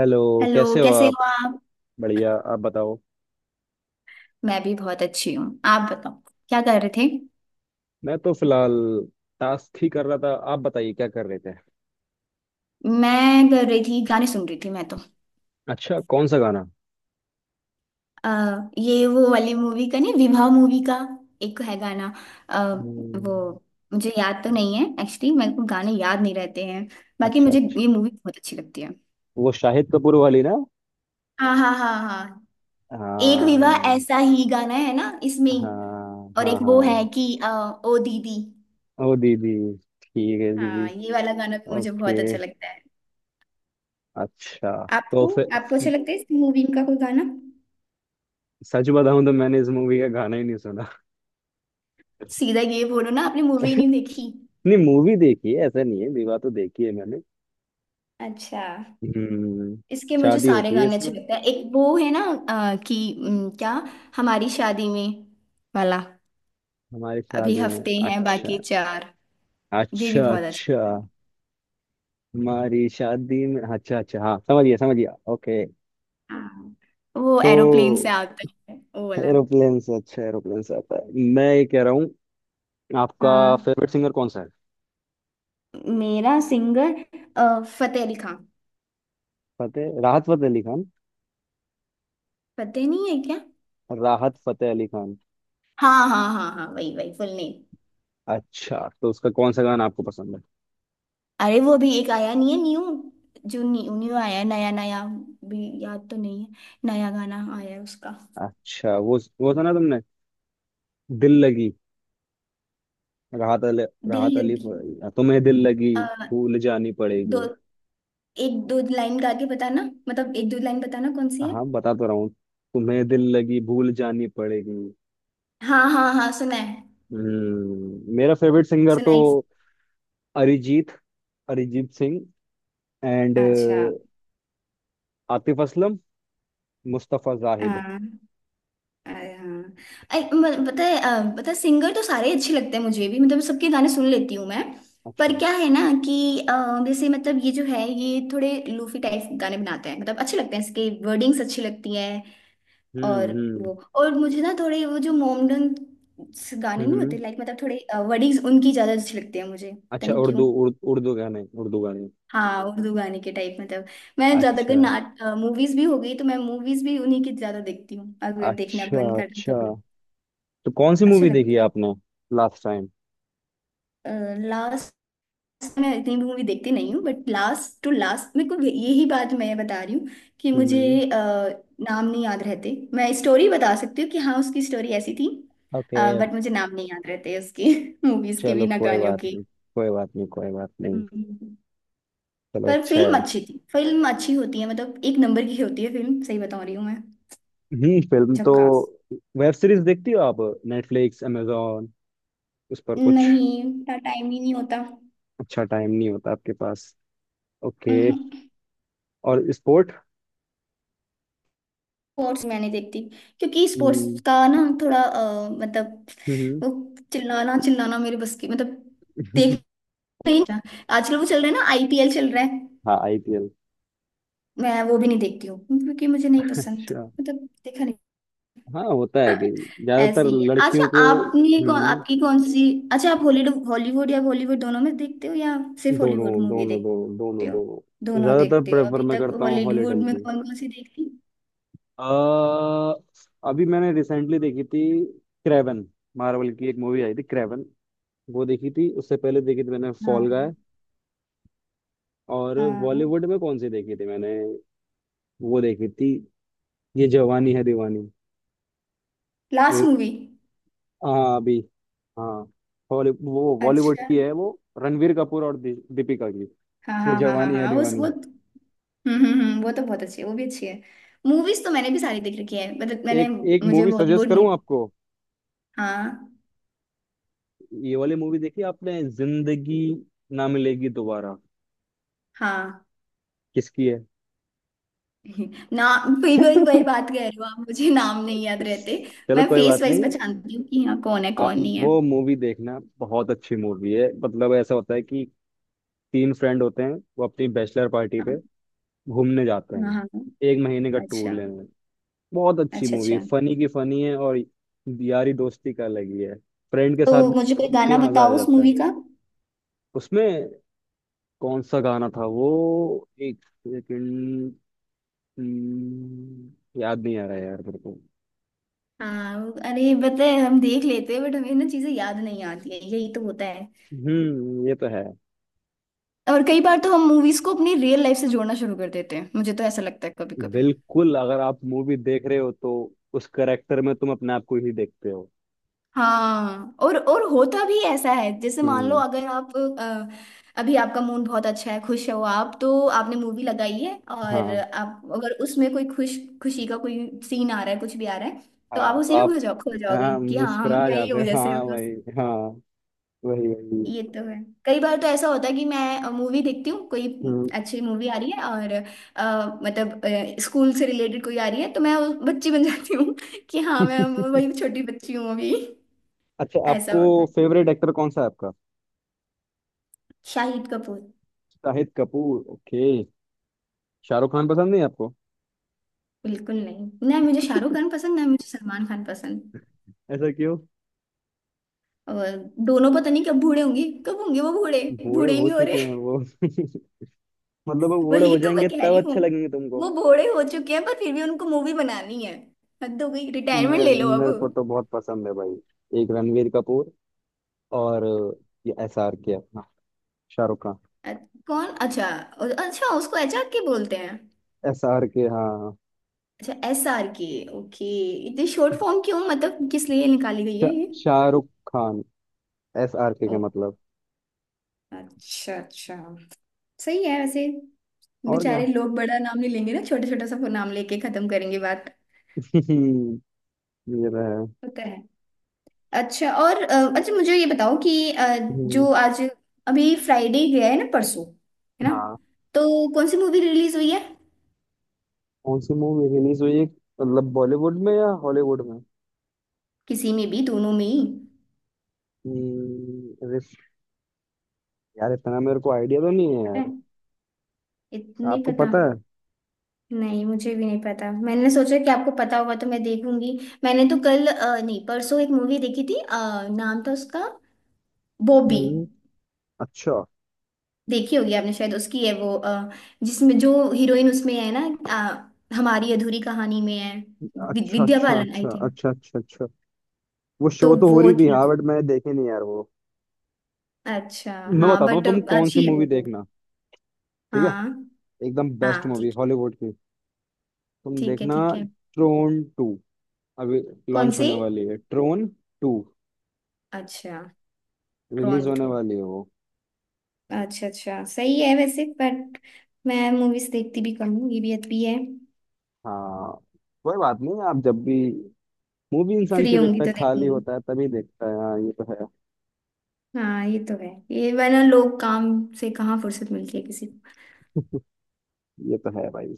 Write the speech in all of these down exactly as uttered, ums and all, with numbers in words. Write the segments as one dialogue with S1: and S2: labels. S1: Hello,
S2: hello
S1: कैसे हो
S2: कैसे
S1: आप।
S2: हो आप।
S1: बढ़िया, आप बताओ।
S2: मैं भी बहुत अच्छी हूँ। आप बताओ क्या कर रहे थे।
S1: मैं तो फिलहाल टास्क ही कर रहा था, आप बताइए क्या कर रहे थे।
S2: मैं कर रही थी, गाने सुन रही थी मैं तो।
S1: अच्छा, कौन सा गाना।
S2: अ, ये वो वाली मूवी का नहीं, विवाह मूवी का एक है गाना। अ,
S1: हम्म।
S2: वो मुझे याद तो नहीं है, एक्चुअली मेरे को गाने याद नहीं रहते हैं। बाकी
S1: अच्छा
S2: मुझे
S1: अच्छा,
S2: ये मूवी बहुत अच्छी लगती है।
S1: वो शाहिद कपूर वाली ना।
S2: हाँ हाँ हाँ हाँ। एक विवाह
S1: हाँ
S2: ऐसा ही गाना है ना इसमें।
S1: हाँ
S2: और
S1: हाँ
S2: एक वो है
S1: हाँ।
S2: कि अ, ओ दीदी।
S1: ओ दीदी, ठीक है दीदी।
S2: हाँ, ये वाला गाना भी मुझे
S1: ओके,
S2: बहुत अच्छा लगता है।
S1: अच्छा। तो
S2: आपको,
S1: फिर,
S2: आपको अच्छा लगता है इस मूवी का कोई गाना?
S1: सच बताऊं तो मैंने इस मूवी का गाना ही नहीं सुना।
S2: सीधा ये बोलो ना आपने मूवी नहीं देखी।
S1: नहीं, मूवी देखी है, ऐसा नहीं है, विवाह तो देखी है मैंने।
S2: अच्छा।
S1: हम्म।
S2: इसके मुझे
S1: शादी
S2: सारे
S1: होती है
S2: गाने
S1: इसमें।
S2: अच्छे लगते हैं। एक वो है ना अ, कि उम, क्या, हमारी शादी में वाला।
S1: हमारी
S2: अभी
S1: शादी में
S2: हफ्ते हैं बाकी
S1: अच्छा
S2: चार। ये
S1: अच्छा।
S2: भी बहुत
S1: अच्छा
S2: अच्छा।
S1: हमारी शादी में, अच्छा अच्छा, हाँ समझिए समझिए। ओके,
S2: हाँ, वो एरोप्लेन से
S1: तो
S2: आता है, वो वाला।
S1: एरोप्लेन से अच्छा, एरोप्लेन से आता है। मैं ये कह रहा हूँ, आपका
S2: हाँ,
S1: फेवरेट सिंगर कौन सा है।
S2: मेरा सिंगर अ, फतेह अली खान।
S1: फतेह, राहत फतेह अली खान।
S2: फतेह नहीं है क्या?
S1: राहत फतेह अली खान।
S2: हाँ हाँ हाँ हाँ, वही वही, फुल नेम।
S1: अच्छा, तो उसका कौन सा गाना आपको पसंद है।
S2: अरे वो अभी एक आया नहीं है न्यू, जो न्यू न्यू आया है, नया नया भी याद तो नहीं है। नया गाना आया है उसका।
S1: अच्छा, वो वो सुना तुमने दिल लगी। राहत अली,
S2: दिल
S1: राहत अली।
S2: लगी।
S1: तुम्हें दिल लगी
S2: आ,
S1: भूल जानी
S2: दो,
S1: पड़ेगी।
S2: एक दो लाइन गा के बताना। मतलब एक दो लाइन बताना कौन सी है।
S1: हाँ, बता तो रहा हूँ। तुम्हें दिल लगी भूल जानी पड़ेगी।
S2: हाँ हाँ हाँ सुना है।
S1: हम्म, मेरा फेवरेट सिंगर तो
S2: सुना है।
S1: अरिजीत, अरिजीत सिंह, एंड
S2: अच्छा।
S1: आतिफ असलम, मुस्तफा जाहिद।
S2: अरे हाँ। अरे म- पता है अ, पता है, सिंगर तो सारे ही अच्छे लगते हैं मुझे भी, मतलब सबके गाने सुन लेती हूँ मैं। पर
S1: अच्छा।
S2: क्या है ना कि अ, जैसे मतलब ये जो है, ये थोड़े लूफी टाइप गाने बनाते हैं, मतलब अच्छे लगते हैं, इसके वर्डिंग्स अच्छी लगती हैं। और
S1: हम्म हम्म
S2: वो, और मुझे ना थोड़े वो जो मोमडन गाने नहीं
S1: हम्म।
S2: होते, लाइक मतलब थोड़े वर्डिंग्स उनकी ज़्यादा अच्छी लगती है, मुझे पता
S1: अच्छा
S2: नहीं क्यों।
S1: उर्दू, उर्दू उर्दू गाने, उर्दू गाने।
S2: हाँ, उर्दू गाने के टाइप मतलब। मैं ज़्यादातर
S1: अच्छा
S2: नाट मूवीज भी हो गई तो मैं मूवीज भी उन्हीं की ज़्यादा देखती हूँ, अगर देखना
S1: अच्छा।
S2: बंद कर दूँ
S1: अच्छा,
S2: कभी।
S1: तो कौन सी
S2: अच्छे
S1: मूवी देखी
S2: लगती है।
S1: आपने लास्ट टाइम।
S2: लास्ट, मैं इतनी भी मूवी देखती नहीं हूँ बट लास्ट टू लास्ट मेरे को, यही बात मैं बता रही हूँ कि मुझे
S1: हम्म।
S2: अ, नाम नहीं याद रहते। मैं स्टोरी बता सकती हूँ कि हाँ उसकी स्टोरी ऐसी थी,
S1: ओके।
S2: बट मुझे नाम नहीं याद रहते उसकी मूवीज के
S1: चलो
S2: भी ना,
S1: कोई
S2: गानों
S1: बात
S2: के।
S1: नहीं, कोई बात नहीं, कोई बात नहीं।
S2: हम्म।
S1: चलो
S2: पर
S1: अच्छा
S2: फिल्म
S1: है।
S2: अच्छी थी, फिल्म अच्छी होती है, मतलब एक नंबर की होती है फिल्म, सही बता रही हूँ मैं।
S1: हम्म, फिल्म तो।
S2: झक्कास।
S1: वेब सीरीज देखती हो आप, नेटफ्लिक्स, amazon, उस पर कुछ।
S2: नहीं, इतना टाइम ही नहीं होता।
S1: अच्छा, टाइम नहीं होता आपके पास। ओके।
S2: हम्म।
S1: और स्पोर्ट।
S2: स्पोर्ट्स मैं नहीं देखती क्योंकि स्पोर्ट्स
S1: हम्म।
S2: का ना थोड़ा अ, मतलब
S1: हम्म।
S2: वो, चिल्लाना चिल्लाना मेरे बस की, मतलब
S1: हम्म।
S2: देख नहीं। आजकल वो चल रहा है ना, आई पी एल चल रहा है।
S1: हाँ, आईपीएल।
S2: मैं वो भी नहीं देखती हूँ क्योंकि मुझे नहीं पसंद,
S1: अच्छा।
S2: मतलब देखा नहीं।
S1: हाँ, होता है कि
S2: ऐसे
S1: ज्यादातर
S2: ही है।
S1: लड़कियों
S2: अच्छा
S1: को।
S2: आपने
S1: हम्म
S2: कौन,
S1: हम्म।
S2: आपकी कौन सी, अच्छा आप हॉलीवुड, हॉलीवुड या बॉलीवुड दोनों में देखते हो या सिर्फ
S1: दोनों
S2: हॉलीवुड मूवी
S1: दोनों दोनों
S2: देखते
S1: दोनों
S2: हो?
S1: दोनों
S2: दोनों
S1: ज्यादातर
S2: देखते हो
S1: प्रेफर
S2: अभी
S1: मैं
S2: तक
S1: करता हूँ
S2: हॉलीवुड
S1: हॉलीडल
S2: में
S1: की।
S2: कौन कौन सी देखती?
S1: अ, अभी मैंने रिसेंटली देखी थी क्रेवन। मार्वल की एक मूवी आई थी, क्रेवन। वो देखी थी, उससे पहले देखी थी मैंने फॉल गाय।
S2: हाँ।
S1: और
S2: हाँ।
S1: बॉलीवुड में कौन सी देखी थी मैंने, वो देखी थी, ये जवानी है दीवानी।
S2: Last movie.
S1: हाँ, अभी। हाँ, हॉली, वो बॉलीवुड
S2: अच्छा।
S1: की है, वो रणवीर कपूर और दि- दीपिका की,
S2: हाँ
S1: ये
S2: हाँ हाँ हाँ
S1: जवानी है
S2: हाँ उस
S1: दीवानी।
S2: वो, हम्म हम्म हम्म, वो तो बहुत अच्छी है, वो भी अच्छी है। मूवीज तो मैंने भी सारी देख रखी है मतलब, मैंने,
S1: एक एक
S2: मुझे
S1: मूवी सजेस्ट
S2: बॉलीवुड
S1: करूं
S2: नहीं।
S1: आपको,
S2: हाँ।
S1: ये वाली मूवी देखी आपने, जिंदगी ना मिलेगी दोबारा।
S2: हाँ।
S1: किसकी है।
S2: नाम, फिर वही वही बात कह रहे हो आप, मुझे नाम नहीं याद रहते।
S1: चलो
S2: मैं
S1: कोई
S2: फेस
S1: बात
S2: वाइज
S1: नहीं।
S2: पहचानती हूँ कि हाँ कौन है
S1: आप
S2: कौन नहीं है।
S1: वो मूवी देखना, बहुत अच्छी मूवी है। मतलब ऐसा होता है कि तीन फ्रेंड होते हैं, वो अपनी बैचलर पार्टी
S2: हाँ
S1: पे घूमने जाते
S2: हाँ
S1: हैं,
S2: हाँ,
S1: एक महीने का
S2: अच्छा
S1: टूर लेने। बहुत अच्छी
S2: अच्छा
S1: मूवी
S2: अच्छा।
S1: है, फनी की फनी है, और यारी दोस्ती का अलग ही है। फ्रेंड के
S2: तो
S1: साथ देख
S2: मुझे कोई
S1: के
S2: गाना
S1: मजा आ
S2: बताओ उस
S1: जाता है।
S2: मूवी का।
S1: उसमें कौन सा गाना था वो, एक सेकंड। हम्म, याद नहीं आ रहा है यार मेरे को।
S2: हाँ, अरे बताए हम देख लेते हैं, बट हमें ना चीजें याद नहीं आती है, यही तो होता है।
S1: हम्म, ये तो है।
S2: और कई बार तो हम मूवीज को अपनी रियल लाइफ से जोड़ना शुरू कर देते हैं, मुझे तो ऐसा लगता है कभी कभी।
S1: बिल्कुल, अगर आप मूवी देख रहे हो तो उस करेक्टर में तुम अपने आप को ही देखते हो।
S2: हाँ और और होता भी ऐसा है, जैसे मान लो
S1: हम्म।
S2: अगर आप अ, अभी आपका मूड बहुत अच्छा है, खुश हो आप, तो आपने मूवी लगाई है और
S1: हाँ।
S2: आप अगर उसमें कोई खुश, खुशी का कोई सीन आ रहा है, कुछ भी आ रहा है, तो आप
S1: हाँ, तो
S2: उसी में
S1: आप,
S2: खो जाओ, खो जाओगी
S1: हाँ
S2: कि हाँ हम,
S1: मुस्कुरा
S2: मैं ही
S1: जाते
S2: हूँ
S1: हो,
S2: जैसे।
S1: हाँ वही, हाँ, वही वही।
S2: ये तो है। कई बार तो ऐसा होता है कि मैं मूवी देखती हूँ, कोई
S1: हम्म।
S2: अच्छी मूवी आ रही है और अ, मतलब स्कूल से रिलेटेड कोई आ रही है तो मैं उस बच्ची बन जाती हूँ कि हाँ मैं वही छोटी बच्ची हूँ अभी।
S1: अच्छा,
S2: ऐसा
S1: आपको
S2: होता है।
S1: फेवरेट एक्टर कौन सा है आपका।
S2: शाहिद कपूर।
S1: शाहिद कपूर, ओके। शाहरुख खान पसंद नहीं आपको।
S2: बिल्कुल नहीं, नहीं मुझे शाहरुख खान पसंद नहीं, मुझे सलमान खान पसंद।
S1: ऐसा क्यों।
S2: और दोनों पता नहीं कब बूढ़े होंगे, कब होंगे वो बूढ़े,
S1: बूढ़े
S2: बूढ़े ही
S1: हो
S2: नहीं हो रहे।
S1: चुके हैं वो। मतलब वो बूढ़े
S2: वही
S1: हो
S2: तो मैं
S1: जाएंगे
S2: कह
S1: तब
S2: रही हूँ,
S1: अच्छे लगेंगे तुमको।
S2: वो बूढ़े हो चुके हैं पर फिर भी उनको मूवी बनानी है। हद हो गई, रिटायरमेंट
S1: मेरे
S2: ले लो अब।
S1: मेरे को तो बहुत पसंद है भाई, एक रणवीर कपूर, और ये एस आर के अपना शाहरुख खान।
S2: अ- कौन? अच्छा अ- अच्छा, उसको एच आर के बोलते हैं?
S1: एस आर के, हाँ।
S2: अच्छा, एस आर के। ओके। इतनी शॉर्ट फॉर्म क्यों, मतलब किस लिए निकाली गई
S1: शा,
S2: है ये?
S1: Shahrukh Khan, S R K
S2: ओ,
S1: का मतलब।
S2: अच्छा अच्छा। सही है वैसे।
S1: और क्या।
S2: बेचारे लोग बड़ा नाम नहीं लेंगे ना, छोटा छोटा सा नाम लेके खत्म करेंगे बात।
S1: ये रहा है।
S2: होता है। अच्छा और अ, अच्छा मुझे ये बताओ कि अ, जो
S1: हम्म,
S2: आज, अभी फ्राइडे गया है ना परसों, है ना?
S1: हाँ।
S2: तो कौन सी मूवी रिलीज हुई है?
S1: कौन सी मूवी रिलीज हुई है मतलब, बॉलीवुड में या हॉलीवुड
S2: किसी में भी, दोनों में ही।
S1: में। यार इतना मेरे को आइडिया तो नहीं है
S2: पता
S1: यार,
S2: है? इतनी
S1: आपको
S2: पता,
S1: पता है।
S2: नहीं मुझे भी नहीं पता, मैंने सोचा कि आपको पता होगा तो मैं देखूंगी। मैंने तो कल अ, नहीं परसों एक मूवी देखी थी, अ, नाम था उसका बॉबी।
S1: हम्म। अच्छा
S2: देखी होगी आपने शायद, उसकी है वो अ, जिसमें जो हीरोइन उसमें है ना अ, हमारी अधूरी कहानी में है, वि-
S1: अच्छा
S2: विद्या
S1: अच्छा
S2: बालन आई
S1: अच्छा
S2: थिंक।
S1: अच्छा अच्छा। अच्छा, वो
S2: तो
S1: शो तो हो
S2: वो
S1: रही थी
S2: थी
S1: हाँ, बट
S2: उसमें।
S1: मैंने देखी नहीं यार वो।
S2: अच्छा।
S1: मैं
S2: हाँ
S1: बताता हूँ
S2: बट
S1: तुम कौन सी
S2: अच्छी है
S1: मूवी
S2: वो मूवी।
S1: देखना। ठीक है,
S2: हाँ।
S1: एकदम बेस्ट
S2: हाँ
S1: मूवी
S2: ठीक है
S1: हॉलीवुड की, तुम
S2: ठीक है।
S1: देखना,
S2: ठीक है।
S1: Tron to. अभी
S2: कौन
S1: लॉन्च
S2: सी?
S1: होने वाली है, ट्रोन टू
S2: अच्छा।
S1: रिलीज होने
S2: टोरंटो।
S1: वाली है वो।
S2: अच्छा अच्छा, सही है वैसे बट मैं मूवीज देखती भी कम हूँ, ये भी अच्छी है।
S1: हाँ। कोई बात नहीं, आप जब भी। मूवी इंसान
S2: फ्री
S1: क्यों
S2: होंगी
S1: देखता है,
S2: तो
S1: खाली
S2: देखूंगी।
S1: होता है तभी देखता है। हाँ, ये तो है।
S2: हाँ ये तो है, ये वरना लोग काम से कहाँ फुर्सत मिलती है किसी को।
S1: ये तो है भाई।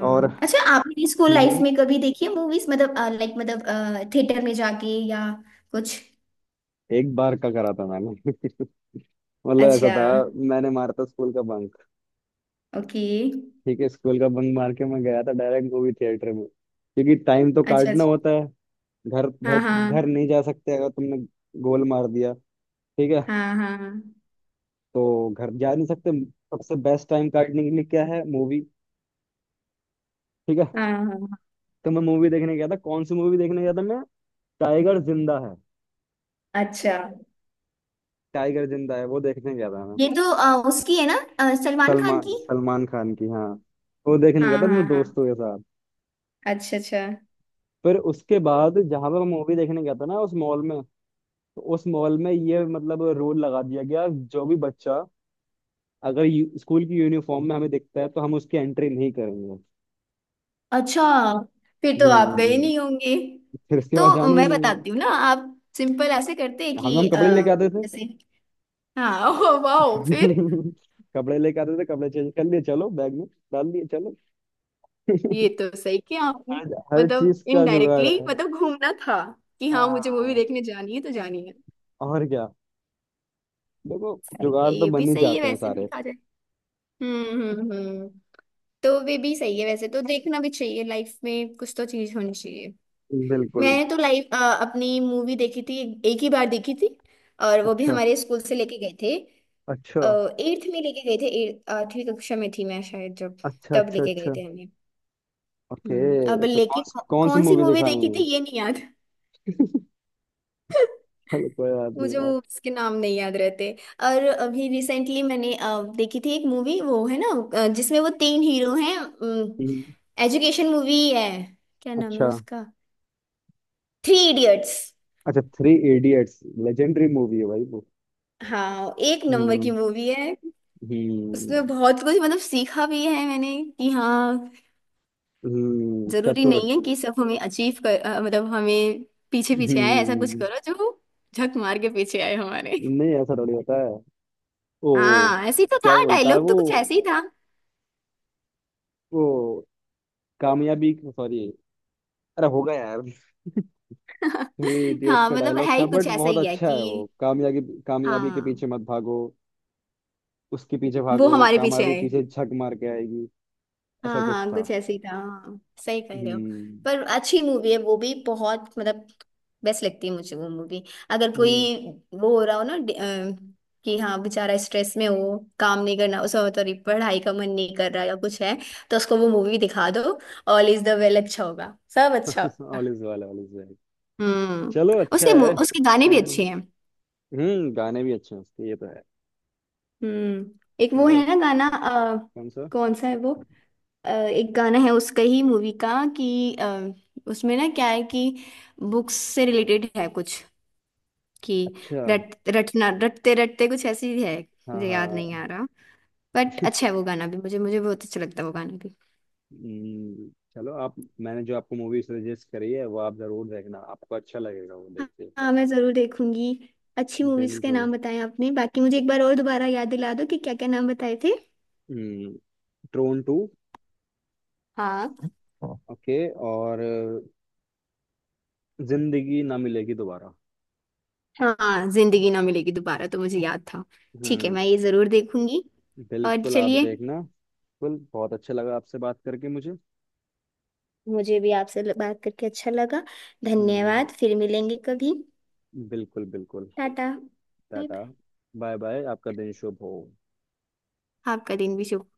S1: और।
S2: अच्छा आपने स्कूल लाइफ
S1: हम्म,
S2: में कभी देखी है मूवीज, मतलब लाइक मतलब थिएटर में जाके या कुछ?
S1: एक बार का करा था मैंने। मतलब ऐसा
S2: अच्छा।
S1: था, मैंने मारा था स्कूल का बंक।
S2: ओके।
S1: ठीक है, स्कूल का बंक मार के मैं गया था डायरेक्ट मूवी थिएटर में, क्योंकि टाइम तो
S2: अच्छा
S1: काटना
S2: अच्छा।
S1: होता है। घर घर
S2: हाँ
S1: घर
S2: हाँ।
S1: नहीं जा सकते, अगर तुमने गोल मार दिया। ठीक है,
S2: हाँ हाँ
S1: तो घर जा नहीं सकते। सबसे बेस्ट टाइम काटने के लिए क्या है, मूवी। ठीक है,
S2: हाँ हाँ।
S1: तो मैं मूवी देखने गया था। कौन सी मूवी देखने गया था मैं, टाइगर जिंदा है।
S2: अच्छा।
S1: टाइगर जिंदा है, वो देखने गया था मैं।
S2: ये तो अ, उसकी है ना अ, सलमान खान
S1: सलमान
S2: की।
S1: सलमान खान की, हाँ। वो देखने गया
S2: हाँ
S1: था मेरे
S2: हाँ हाँ।
S1: दोस्तों के साथ।
S2: अच्छा अच्छा
S1: फिर उसके बाद जहां पर मैं मूवी देखने गया था ना, उस मॉल में, तो उस मॉल में ये मतलब रूल लगा दिया गया, जो भी बच्चा अगर यू- स्कूल की यूनिफॉर्म में हमें दिखता है तो हम उसकी एंट्री नहीं करेंगे।
S2: अच्छा। फिर तो आप गए
S1: हम्म,
S2: नहीं होंगे।
S1: फिर उसके बाद
S2: तो
S1: जाने ही
S2: मैं
S1: नहीं हुआ।
S2: बताती हूँ ना, आप सिंपल ऐसे करते हैं
S1: हम
S2: कि
S1: हम
S2: अ,
S1: कपड़े लेके आते थे।
S2: जैसे, हाँ ओ वाओ, फिर
S1: कपड़े लेके आते थे, कपड़े चेंज कर लिए, चलो बैग में डाल दिए, चलो।
S2: ये तो सही किया आपने।
S1: हर हर
S2: मतलब
S1: चीज का जुगाड़
S2: इनडायरेक्टली
S1: है।
S2: मतलब घूमना था, कि हाँ मुझे मूवी
S1: हाँ,
S2: देखने जानी है तो जानी है।
S1: और क्या, देखो,
S2: सही है,
S1: जुगाड़ तो
S2: ये भी
S1: बन ही
S2: सही है
S1: जाते हैं
S2: वैसे
S1: सारे।
S2: देखा जाए। हम्म हम्म हम्म। तो वे भी सही है वैसे, तो देखना भी चाहिए लाइफ में, कुछ तो चीज होनी चाहिए।
S1: बिल्कुल।
S2: मैंने तो लाइफ अपनी मूवी देखी थी एक ही बार देखी थी, और वो भी
S1: अच्छा
S2: हमारे स्कूल से लेके गए थे।
S1: अच्छा
S2: एट्थ में लेके गए थे, eighth- आठवीं कक्षा में थी मैं शायद जब
S1: अच्छा
S2: तब
S1: अच्छा
S2: लेके गए
S1: अच्छा।
S2: थे हमें। हम्म, अब
S1: ओके, तो कौन
S2: लेकिन
S1: सी
S2: कौ,
S1: कौन सी
S2: कौन सी
S1: मूवी
S2: मूवी देखी
S1: दिखानी है।
S2: थी ये नहीं याद।
S1: चलो कोई बात नहीं
S2: मुझे
S1: यार।
S2: मूवीज के नाम नहीं याद रहते। और अभी रिसेंटली मैंने अ, देखी थी एक मूवी, वो है ना अ, जिसमें वो तीन हीरो हैं,
S1: हम्म,
S2: एजुकेशन मूवी है, क्या नाम है
S1: अच्छा
S2: उसका? Three idiots.
S1: अच्छा। थ्री इडियट्स, लेजेंडरी मूवी है भाई वो।
S2: हाँ, एक नंबर की
S1: हम्म
S2: मूवी है।
S1: हम्म
S2: उसमें बहुत कुछ मतलब सीखा भी है मैंने कि हाँ,
S1: हम्म,
S2: जरूरी
S1: चतुर।
S2: नहीं है कि सब हमें अचीव कर, अ, मतलब हमें पीछे पीछे आए, ऐसा कुछ
S1: हम्म,
S2: करो जो झक मार के पीछे आए हमारे।
S1: नहीं ऐसा थोड़ी होता है। ओ,
S2: हाँ ऐसे ही तो
S1: क्या
S2: था,
S1: बोलता है
S2: डायलॉग तो
S1: वो
S2: कुछ ऐसे ही था।
S1: वो कामयाबी, सॉरी, अरे होगा यार, थ्री इडियट्स
S2: हाँ
S1: का
S2: मतलब
S1: डायलॉग
S2: है
S1: था
S2: ही कुछ
S1: बट
S2: ऐसा
S1: बहुत
S2: ही है
S1: अच्छा है वो।
S2: कि
S1: कामयाबी, कामयाबी के
S2: हाँ
S1: पीछे मत भागो, उसके पीछे
S2: वो
S1: भागो,
S2: हमारे पीछे
S1: कामयाबी
S2: आए।
S1: पीछे झक मार के आएगी। ऐसा
S2: हाँ
S1: कुछ
S2: हाँ
S1: था।
S2: कुछ ऐसे ही था हाँ। सही कह रहे हो।
S1: हम्म
S2: पर अच्छी मूवी है वो भी, बहुत मतलब बेस्ट लगती है मुझे वो मूवी। अगर
S1: हम्म।
S2: कोई वो हो रहा हो ना डि- अ, कि हाँ बेचारा स्ट्रेस में हो, काम नहीं करना उसका, मतलब पढ़ाई का मन नहीं कर रहा या कुछ है, तो उसको वो मूवी दिखा दो। ऑल इज द वेल, अच्छा होगा, सब अच्छा होगा।
S1: All is well, all is well.
S2: हम्म,
S1: चलो अच्छा
S2: उसके मु-
S1: है।
S2: उसके गाने भी
S1: हम्म,
S2: अच्छे हैं।
S1: हम्म, गाने भी अच्छे हैं उसके, ये तो है।
S2: हम्म। एक वो
S1: चलो,
S2: है ना गाना, अ,
S1: कौन सा।
S2: कौन सा है वो? अ, एक गाना है उसका ही मूवी का कि अ, उसमें ना क्या है कि बुक्स से रिलेटेड है कुछ, कि
S1: अच्छा।
S2: रट रटना रटते रटते, कुछ ऐसी है।
S1: हाँ
S2: मुझे याद नहीं
S1: हाँ,
S2: आ रहा, बट अच्छा है वो गाना भी, मुझे मुझे बहुत अच्छा लगता है वो गाना भी।
S1: हम्म, चलो आप, मैंने जो आपको मूवी सजेस्ट करी है वो आप जरूर देखना, आपको अच्छा लगेगा वो देख
S2: हाँ।
S1: के।
S2: हाँ, मैं जरूर देखूंगी। अच्छी मूवीज के
S1: बिल्कुल।
S2: नाम बताए आपने, बाकी मुझे एक बार और दोबारा याद दिला दो कि क्या क्या नाम बताए थे।
S1: हम्म, ट्रोन टू,
S2: हाँ। हाँ।
S1: ओके, और अ, जिंदगी ना मिलेगी दोबारा।
S2: हाँ जिंदगी ना मिलेगी दोबारा तो मुझे याद था। ठीक है,
S1: हम्म,
S2: मैं ये जरूर देखूंगी। और
S1: बिल्कुल आप
S2: चलिए,
S1: देखना बिल्कुल, बहुत अच्छा लगा आपसे बात करके मुझे।
S2: मुझे भी आपसे ल- बात करके अच्छा लगा।
S1: हम्म,
S2: धन्यवाद, फिर मिलेंगे कभी।
S1: बिल्कुल बिल्कुल।
S2: Tata. Bye
S1: tata,
S2: bye.
S1: Bye bye, आपका दिन शुभ हो।
S2: आपका दिन भी शुभ।